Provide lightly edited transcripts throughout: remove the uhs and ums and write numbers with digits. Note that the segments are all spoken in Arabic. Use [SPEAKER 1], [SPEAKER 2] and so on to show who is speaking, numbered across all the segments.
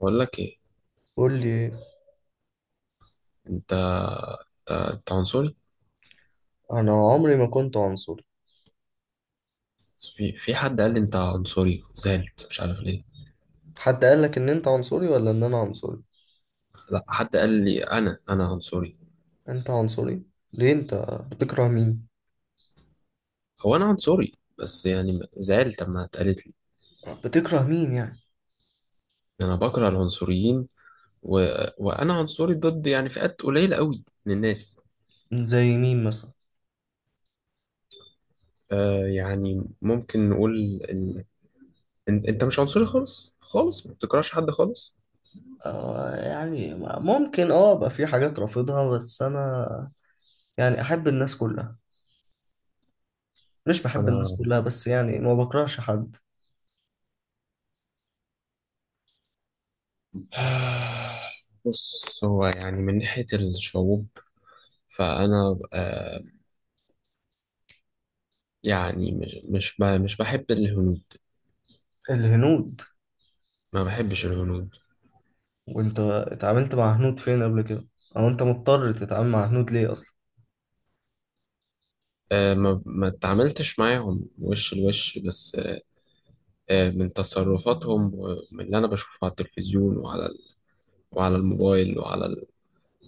[SPEAKER 1] بقول لك ايه؟
[SPEAKER 2] قول لي.
[SPEAKER 1] انت انت أنت عنصري.
[SPEAKER 2] انا عمري ما كنت عنصري.
[SPEAKER 1] في حد قال لي انت عنصري، زعلت، مش عارف ليه.
[SPEAKER 2] حد قال لك ان انت عنصري ولا ان انا عنصري؟
[SPEAKER 1] لا، حد قال لي انا عنصري.
[SPEAKER 2] انت عنصري؟ ليه انت بتكره مين؟
[SPEAKER 1] هو انا عنصري؟ بس يعني زعلت لما اتقالت لي.
[SPEAKER 2] بتكره مين يعني؟
[SPEAKER 1] انا بكره العنصريين و... وانا عنصري ضد يعني فئات قليله قوي من الناس.
[SPEAKER 2] زي مين مثلا؟
[SPEAKER 1] يعني ممكن نقول ال... انت مش عنصري خالص خالص، ما بتكرهش حد خالص؟
[SPEAKER 2] آه يعني ممكن اه ابقى في حاجات رافضها بس انا يعني احب الناس كلها. مش بحب الناس
[SPEAKER 1] انا
[SPEAKER 2] كلها بس يعني ما بكرهش حد.
[SPEAKER 1] بص، هو يعني من ناحيه الشعوب، فانا يعني مش بحب الهنود.
[SPEAKER 2] الهنود؟
[SPEAKER 1] ما بحبش الهنود.
[SPEAKER 2] وانت اتعاملت مع هنود فين قبل كده؟ او انت مضطر تتعامل مع هنود ليه اصلا؟
[SPEAKER 1] ما اتعاملتش معاهم وش لوش، بس من تصرفاتهم ومن اللي انا بشوفه على التلفزيون، وعلى الموبايل،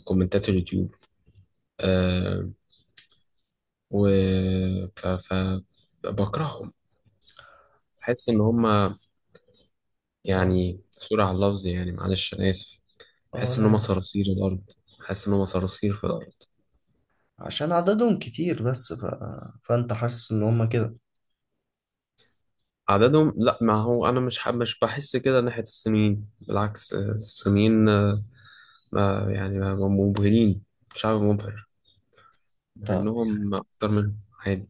[SPEAKER 1] كومنتات اليوتيوب. آه و ف بكرههم. بحس ان هم
[SPEAKER 2] اه.
[SPEAKER 1] يعني، سوري على اللفظ، يعني معلش انا اسف.
[SPEAKER 2] اه،
[SPEAKER 1] بحس ان هم
[SPEAKER 2] لا.
[SPEAKER 1] صراصير الارض. بحس ان هم صراصير في الارض.
[SPEAKER 2] عشان عددهم كتير بس فانت حاسس ان هم كده؟
[SPEAKER 1] عددهم؟ لا، ما هو انا مش بحس كده ناحية الصينيين، بالعكس. الصينيين، يعني ما مبهرين. شعب مبهر. مع
[SPEAKER 2] طب،
[SPEAKER 1] انهم اكتر منهم عادي.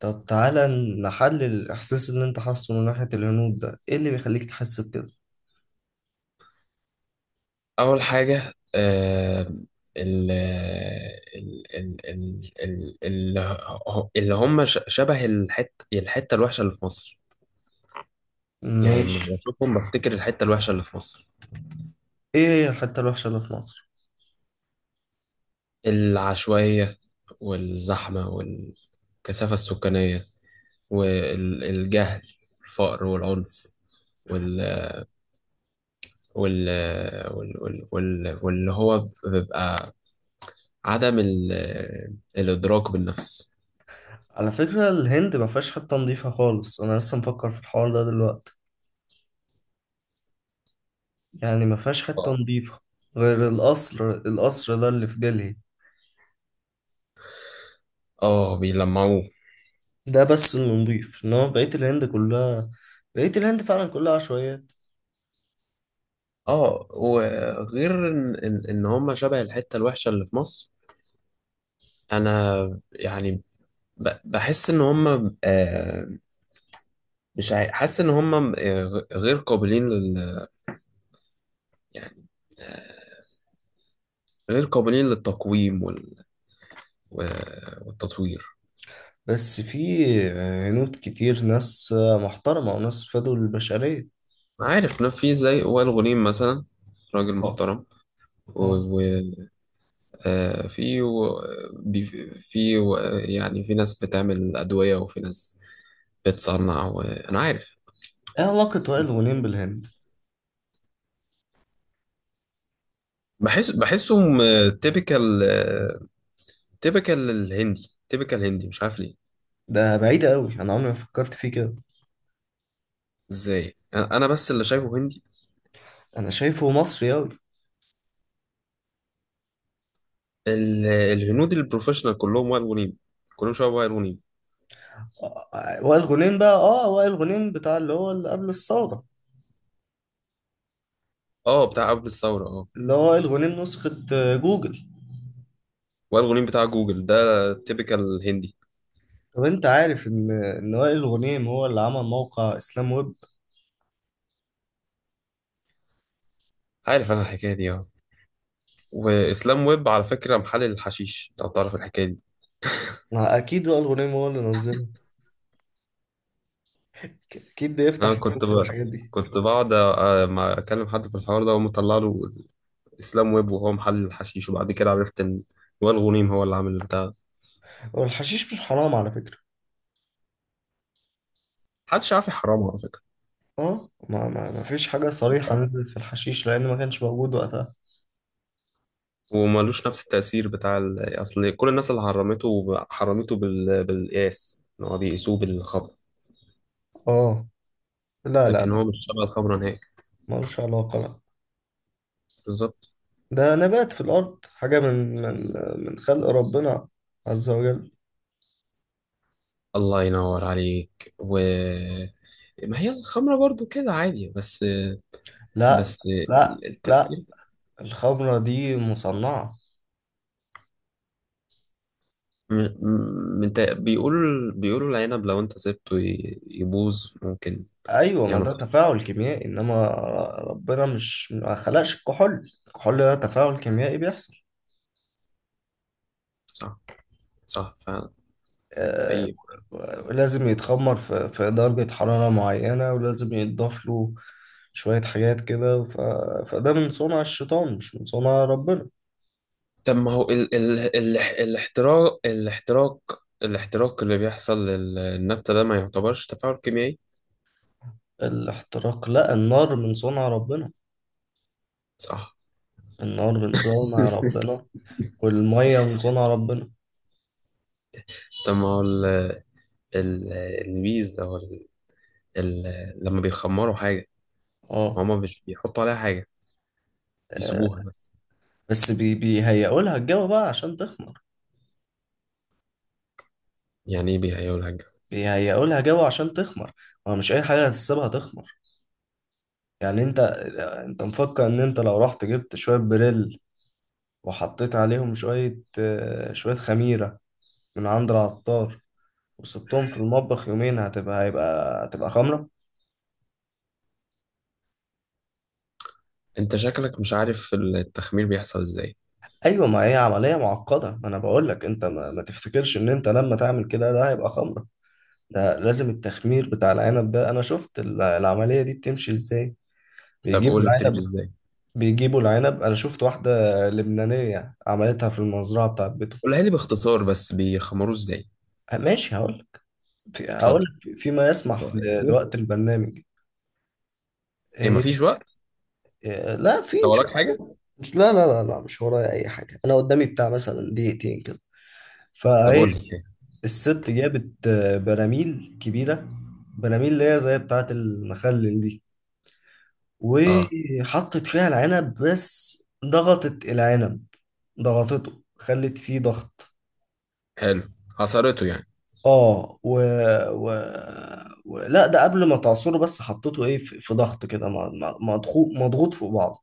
[SPEAKER 2] طب تعالى نحلل الإحساس اللي أنت حاسه من ناحية الهنود ده، إيه اللي بيخليك تحس بكده؟
[SPEAKER 1] اول حاجة، ال ال ال ال اللي هم شبه الحتة الوحشة اللي في مصر. يعني لما
[SPEAKER 2] ماشي.
[SPEAKER 1] بشوفهم بفتكر الحتة الوحشة اللي في مصر.
[SPEAKER 2] إيه هي الحتة الوحشة اللي في مصر؟
[SPEAKER 1] العشوائية، والزحمة والكثافة السكانية، والجهل، الفقر والعنف، وال وال واللي هو بيبقى عدم الإدراك بالنفس.
[SPEAKER 2] على فكرة الهند ما فيهاش حتة نظيفة خالص، أنا لسه مفكر في الحوار ده دلوقتي، يعني ما فيهاش حتة
[SPEAKER 1] اه.
[SPEAKER 2] نظيفة غير القصر ده اللي في دلهي.
[SPEAKER 1] بيلمعوه.
[SPEAKER 2] ده بس اللي نظيف، إنما بقية الهند كلها، بقية الهند فعلا كلها عشوائيات.
[SPEAKER 1] اه، وغير ان ان إن هم شبه الحتة الوحشة اللي في مصر، انا يعني بحس ان هم، مش حاسس ان هم، غير قابلين لل يعني، آه، غير قابلين للتقويم و- والتطوير.
[SPEAKER 2] بس في هنود كتير، ناس محترمة وناس فادوا للبشرية.
[SPEAKER 1] عارف إن في زي وائل غنيم مثلا، راجل
[SPEAKER 2] اه.
[SPEAKER 1] محترم.
[SPEAKER 2] اه.
[SPEAKER 1] وفي في و- يعني في ناس بتعمل أدوية، وفي ناس بتصنع، وأنا عارف.
[SPEAKER 2] ايه علاقة وائل غنيم بالهند؟
[SPEAKER 1] بحسهم تيبيكال. تيبيكال الهندي، تيبيكال هندي، مش عارف ليه.
[SPEAKER 2] ده بعيدة قوي، انا عمري ما فكرت فيه كده.
[SPEAKER 1] ازاي؟ انا بس اللي شايفه هندي؟
[SPEAKER 2] انا شايفه مصري قوي.
[SPEAKER 1] الهنود البروفيشنال كلهم وائل غنيم، كلهم شبه وائل غنيم.
[SPEAKER 2] وائل غنيم بقى، اه، وائل غنيم بتاع اللي هو اللي قبل الثورة،
[SPEAKER 1] اه، بتاع قبل الثوره، اه.
[SPEAKER 2] اللي هو وائل غنيم نسخة جوجل.
[SPEAKER 1] وائل غنيم بتاع جوجل ده تيبيكال هندي.
[SPEAKER 2] طب انت عارف ان وائل غنيم هو اللي عمل موقع اسلام ويب؟
[SPEAKER 1] عارف انا الحكايه دي، اه. واسلام ويب على فكره محلل الحشيش، لو تعرف الحكايه دي.
[SPEAKER 2] ما اكيد وائل غنيم هو اللي نزله، اكيد
[SPEAKER 1] انا
[SPEAKER 2] بيفتح
[SPEAKER 1] كنت
[SPEAKER 2] ينزل
[SPEAKER 1] بجد
[SPEAKER 2] الحاجات دي.
[SPEAKER 1] كنت بقعد ما اكلم حد في الحوار ده ومطلع له اسلام ويب وهو محلل الحشيش، وبعد كده عرفت ان وائل غنيم هو اللي عامل البتاع.
[SPEAKER 2] هو الحشيش مش حرام على فكرة.
[SPEAKER 1] محدش عارف يحرمه، على فكره.
[SPEAKER 2] اه، ما فيش حاجة
[SPEAKER 1] محدش
[SPEAKER 2] صريحة
[SPEAKER 1] عارف.
[SPEAKER 2] نزلت في الحشيش لان ما كانش موجود وقتها.
[SPEAKER 1] وملوش نفس التأثير بتاع أصل كل الناس اللي حرمته حرمته بالقياس، إن هو بيقيسوه بالخمر.
[SPEAKER 2] اه. لا لا
[SPEAKER 1] لكن
[SPEAKER 2] لا
[SPEAKER 1] هو مش شبه الخمرة نهائي.
[SPEAKER 2] ملوش علاقة، لا.
[SPEAKER 1] بالظبط.
[SPEAKER 2] ده نبات في الأرض، حاجة من من خلق ربنا عز وجل.
[SPEAKER 1] الله ينور عليك. ما هي الخمرة برضو كده عادي، بس.
[SPEAKER 2] لا
[SPEAKER 1] بس
[SPEAKER 2] لا.
[SPEAKER 1] التأثير.
[SPEAKER 2] الخمرة دي مصنعة.
[SPEAKER 1] م- بيقولوا العنب لو انت سبته يبوظ، ممكن
[SPEAKER 2] أيوة ما
[SPEAKER 1] يعمل
[SPEAKER 2] ده
[SPEAKER 1] خطر.
[SPEAKER 2] تفاعل كيميائي، إنما ربنا مش ما خلقش الكحول، الكحول ده تفاعل كيميائي بيحصل.
[SPEAKER 1] صح. صح فعلا.
[SPEAKER 2] آه.
[SPEAKER 1] حقيقي.
[SPEAKER 2] لازم يتخمر في درجة حرارة معينة ولازم يتضاف له شوية حاجات كده، فده من صنع الشيطان مش من صنع ربنا.
[SPEAKER 1] طب ما هو ال ال ال الاحتراق اللي بيحصل للنبتة ده، ما يعتبرش تفاعل كيميائي؟
[SPEAKER 2] الاحتراق؟ لا، النار من صنع ربنا.
[SPEAKER 1] صح.
[SPEAKER 2] النار من صنع ربنا، والمية من صنع ربنا.
[SPEAKER 1] طب ما هو ال- البيز او ال ال لما بيخمروا حاجة،
[SPEAKER 2] اه.
[SPEAKER 1] هما مش بيحطوا عليها حاجة، بيسيبوها
[SPEAKER 2] آه.
[SPEAKER 1] بس؟
[SPEAKER 2] بس بيهيئوا لها الجو بقى عشان تخمر.
[SPEAKER 1] يعني ايه بيهيئوا لها الجو؟
[SPEAKER 2] بيهيئوا لها جو عشان تخمر. هو مش اي حاجة هتسيبها تخمر. يعني انت، مفكر ان انت لو رحت جبت شوية بريل وحطيت عليهم شوية، شوية خميرة من عند العطار، وسبتهم في المطبخ يومين هتبقى، هتبقى خمرة؟
[SPEAKER 1] انت شكلك مش عارف التخمير بيحصل ازاي.
[SPEAKER 2] ايوه ما هي عملية معقدة، ما انا بقول لك انت ما تفتكرش ان انت لما تعمل كده ده هيبقى خمرة. ده لازم التخمير بتاع العنب ده، انا شفت العملية دي بتمشي ازاي.
[SPEAKER 1] طب
[SPEAKER 2] بيجيبوا
[SPEAKER 1] قول لي، بتلف
[SPEAKER 2] العنب،
[SPEAKER 1] ازاي؟
[SPEAKER 2] بيجيبوا العنب. انا شفت واحدة لبنانية عملتها في المزرعة بتاعت بيتهم.
[SPEAKER 1] قولها لي باختصار بس، بيخمروه ازاي.
[SPEAKER 2] أه، ماشي هقول.
[SPEAKER 1] اتفضل.
[SPEAKER 2] فيما يسمح
[SPEAKER 1] هو يعني إيه؟
[SPEAKER 2] لوقت البرنامج.
[SPEAKER 1] ايه،
[SPEAKER 2] إيه؟
[SPEAKER 1] مفيش وقت؟
[SPEAKER 2] إيه، لا في
[SPEAKER 1] لو وراك
[SPEAKER 2] نشوف.
[SPEAKER 1] حاجه.
[SPEAKER 2] مش، لا، مش ورايا اي حاجة، انا قدامي بتاع مثلا دقيقتين كده،
[SPEAKER 1] طب
[SPEAKER 2] فايه.
[SPEAKER 1] قول لي.
[SPEAKER 2] الست جابت، آه، براميل كبيرة، براميل اللي هي زي بتاعت المخلل دي،
[SPEAKER 1] اه.
[SPEAKER 2] وحطت فيها العنب بس ضغطت العنب. ضغطته، خلت فيه ضغط.
[SPEAKER 1] حلو. حصرته يعني.
[SPEAKER 2] اه. و... لا ده قبل ما تعصره، بس حطيته ايه في، ضغط كده، مضغوط، مضغوط فوق بعضه،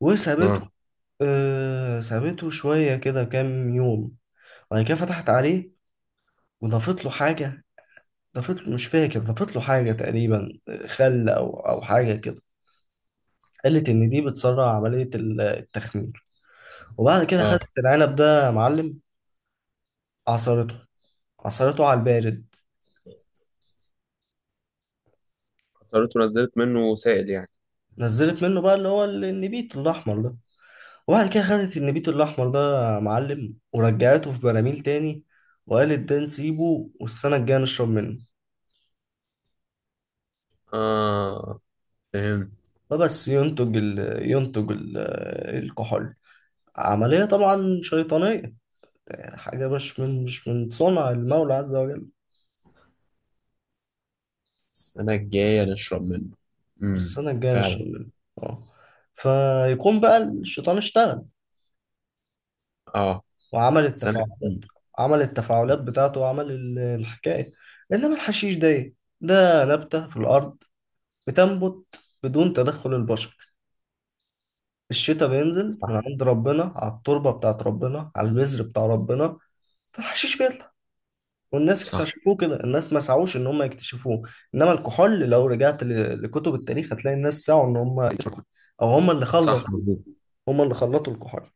[SPEAKER 2] وسابته.
[SPEAKER 1] اه.
[SPEAKER 2] آه، سابته شوية كده كام يوم، بعد كده فتحت عليه وضافت له حاجة. ضافت له، مش فاكر ضافت له حاجة تقريبا، آه، خل أو حاجة كده. قالت إن دي بتسرع عملية التخمير، وبعد كده
[SPEAKER 1] اه،
[SPEAKER 2] خدت العنب ده يا معلم، عصرته، عصرته على البارد،
[SPEAKER 1] حصرته نزلت منه سائل يعني؟
[SPEAKER 2] نزلت منه بقى اللي هو النبيت الأحمر ده. وبعد كده خدت النبيت الأحمر ده يا معلم ورجعته في براميل تاني، وقالت ده نسيبه والسنة الجاية نشرب منه.
[SPEAKER 1] اه، فهمت.
[SPEAKER 2] فبس ينتج ينتج ال... الكحول. عملية طبعا شيطانية، يعني حاجة مش من صنع المولى عز وجل.
[SPEAKER 1] السنه الجايه نشرب منه. امم.
[SPEAKER 2] السنة الجاية
[SPEAKER 1] فعلا.
[SPEAKER 2] نشرب منه. اه، فيكون بقى الشيطان اشتغل
[SPEAKER 1] اه،
[SPEAKER 2] وعمل
[SPEAKER 1] سنه
[SPEAKER 2] التفاعلات.
[SPEAKER 1] كتير.
[SPEAKER 2] عمل التفاعلات بتاعته وعمل الحكاية. إنما الحشيش ده إيه؟ ده نبتة في الأرض بتنبت بدون تدخل البشر، الشتاء بينزل من
[SPEAKER 1] صح،
[SPEAKER 2] عند ربنا على التربة بتاعت ربنا على البذر بتاع ربنا، فالحشيش بيطلع، والناس
[SPEAKER 1] صح،
[SPEAKER 2] اكتشفوه كده، الناس ما سعوش ان هم يكتشفوه. انما الكحول لو رجعت لكتب التاريخ هتلاقي الناس سعوا ان هم يكتشفوه، او هم اللي خلطوا،
[SPEAKER 1] صح، مظبوط.
[SPEAKER 2] هم اللي خلطوا الكحول.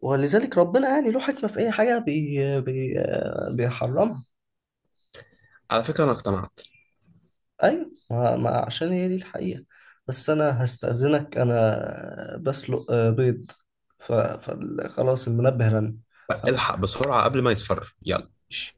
[SPEAKER 2] ولذلك ربنا يعني له حكمة في اي حاجة بي بي بيحرمها.
[SPEAKER 1] على فكره انا اقتنعت.
[SPEAKER 2] ايوه، ما عشان هي دي الحقيقة. بس انا هستأذنك، انا بسلق، آه، بيض، فخلاص المنبه رن، هروح.
[SPEAKER 1] الحق بسرعه قبل ما يصفر، يلا.
[SPEAKER 2] أمشي.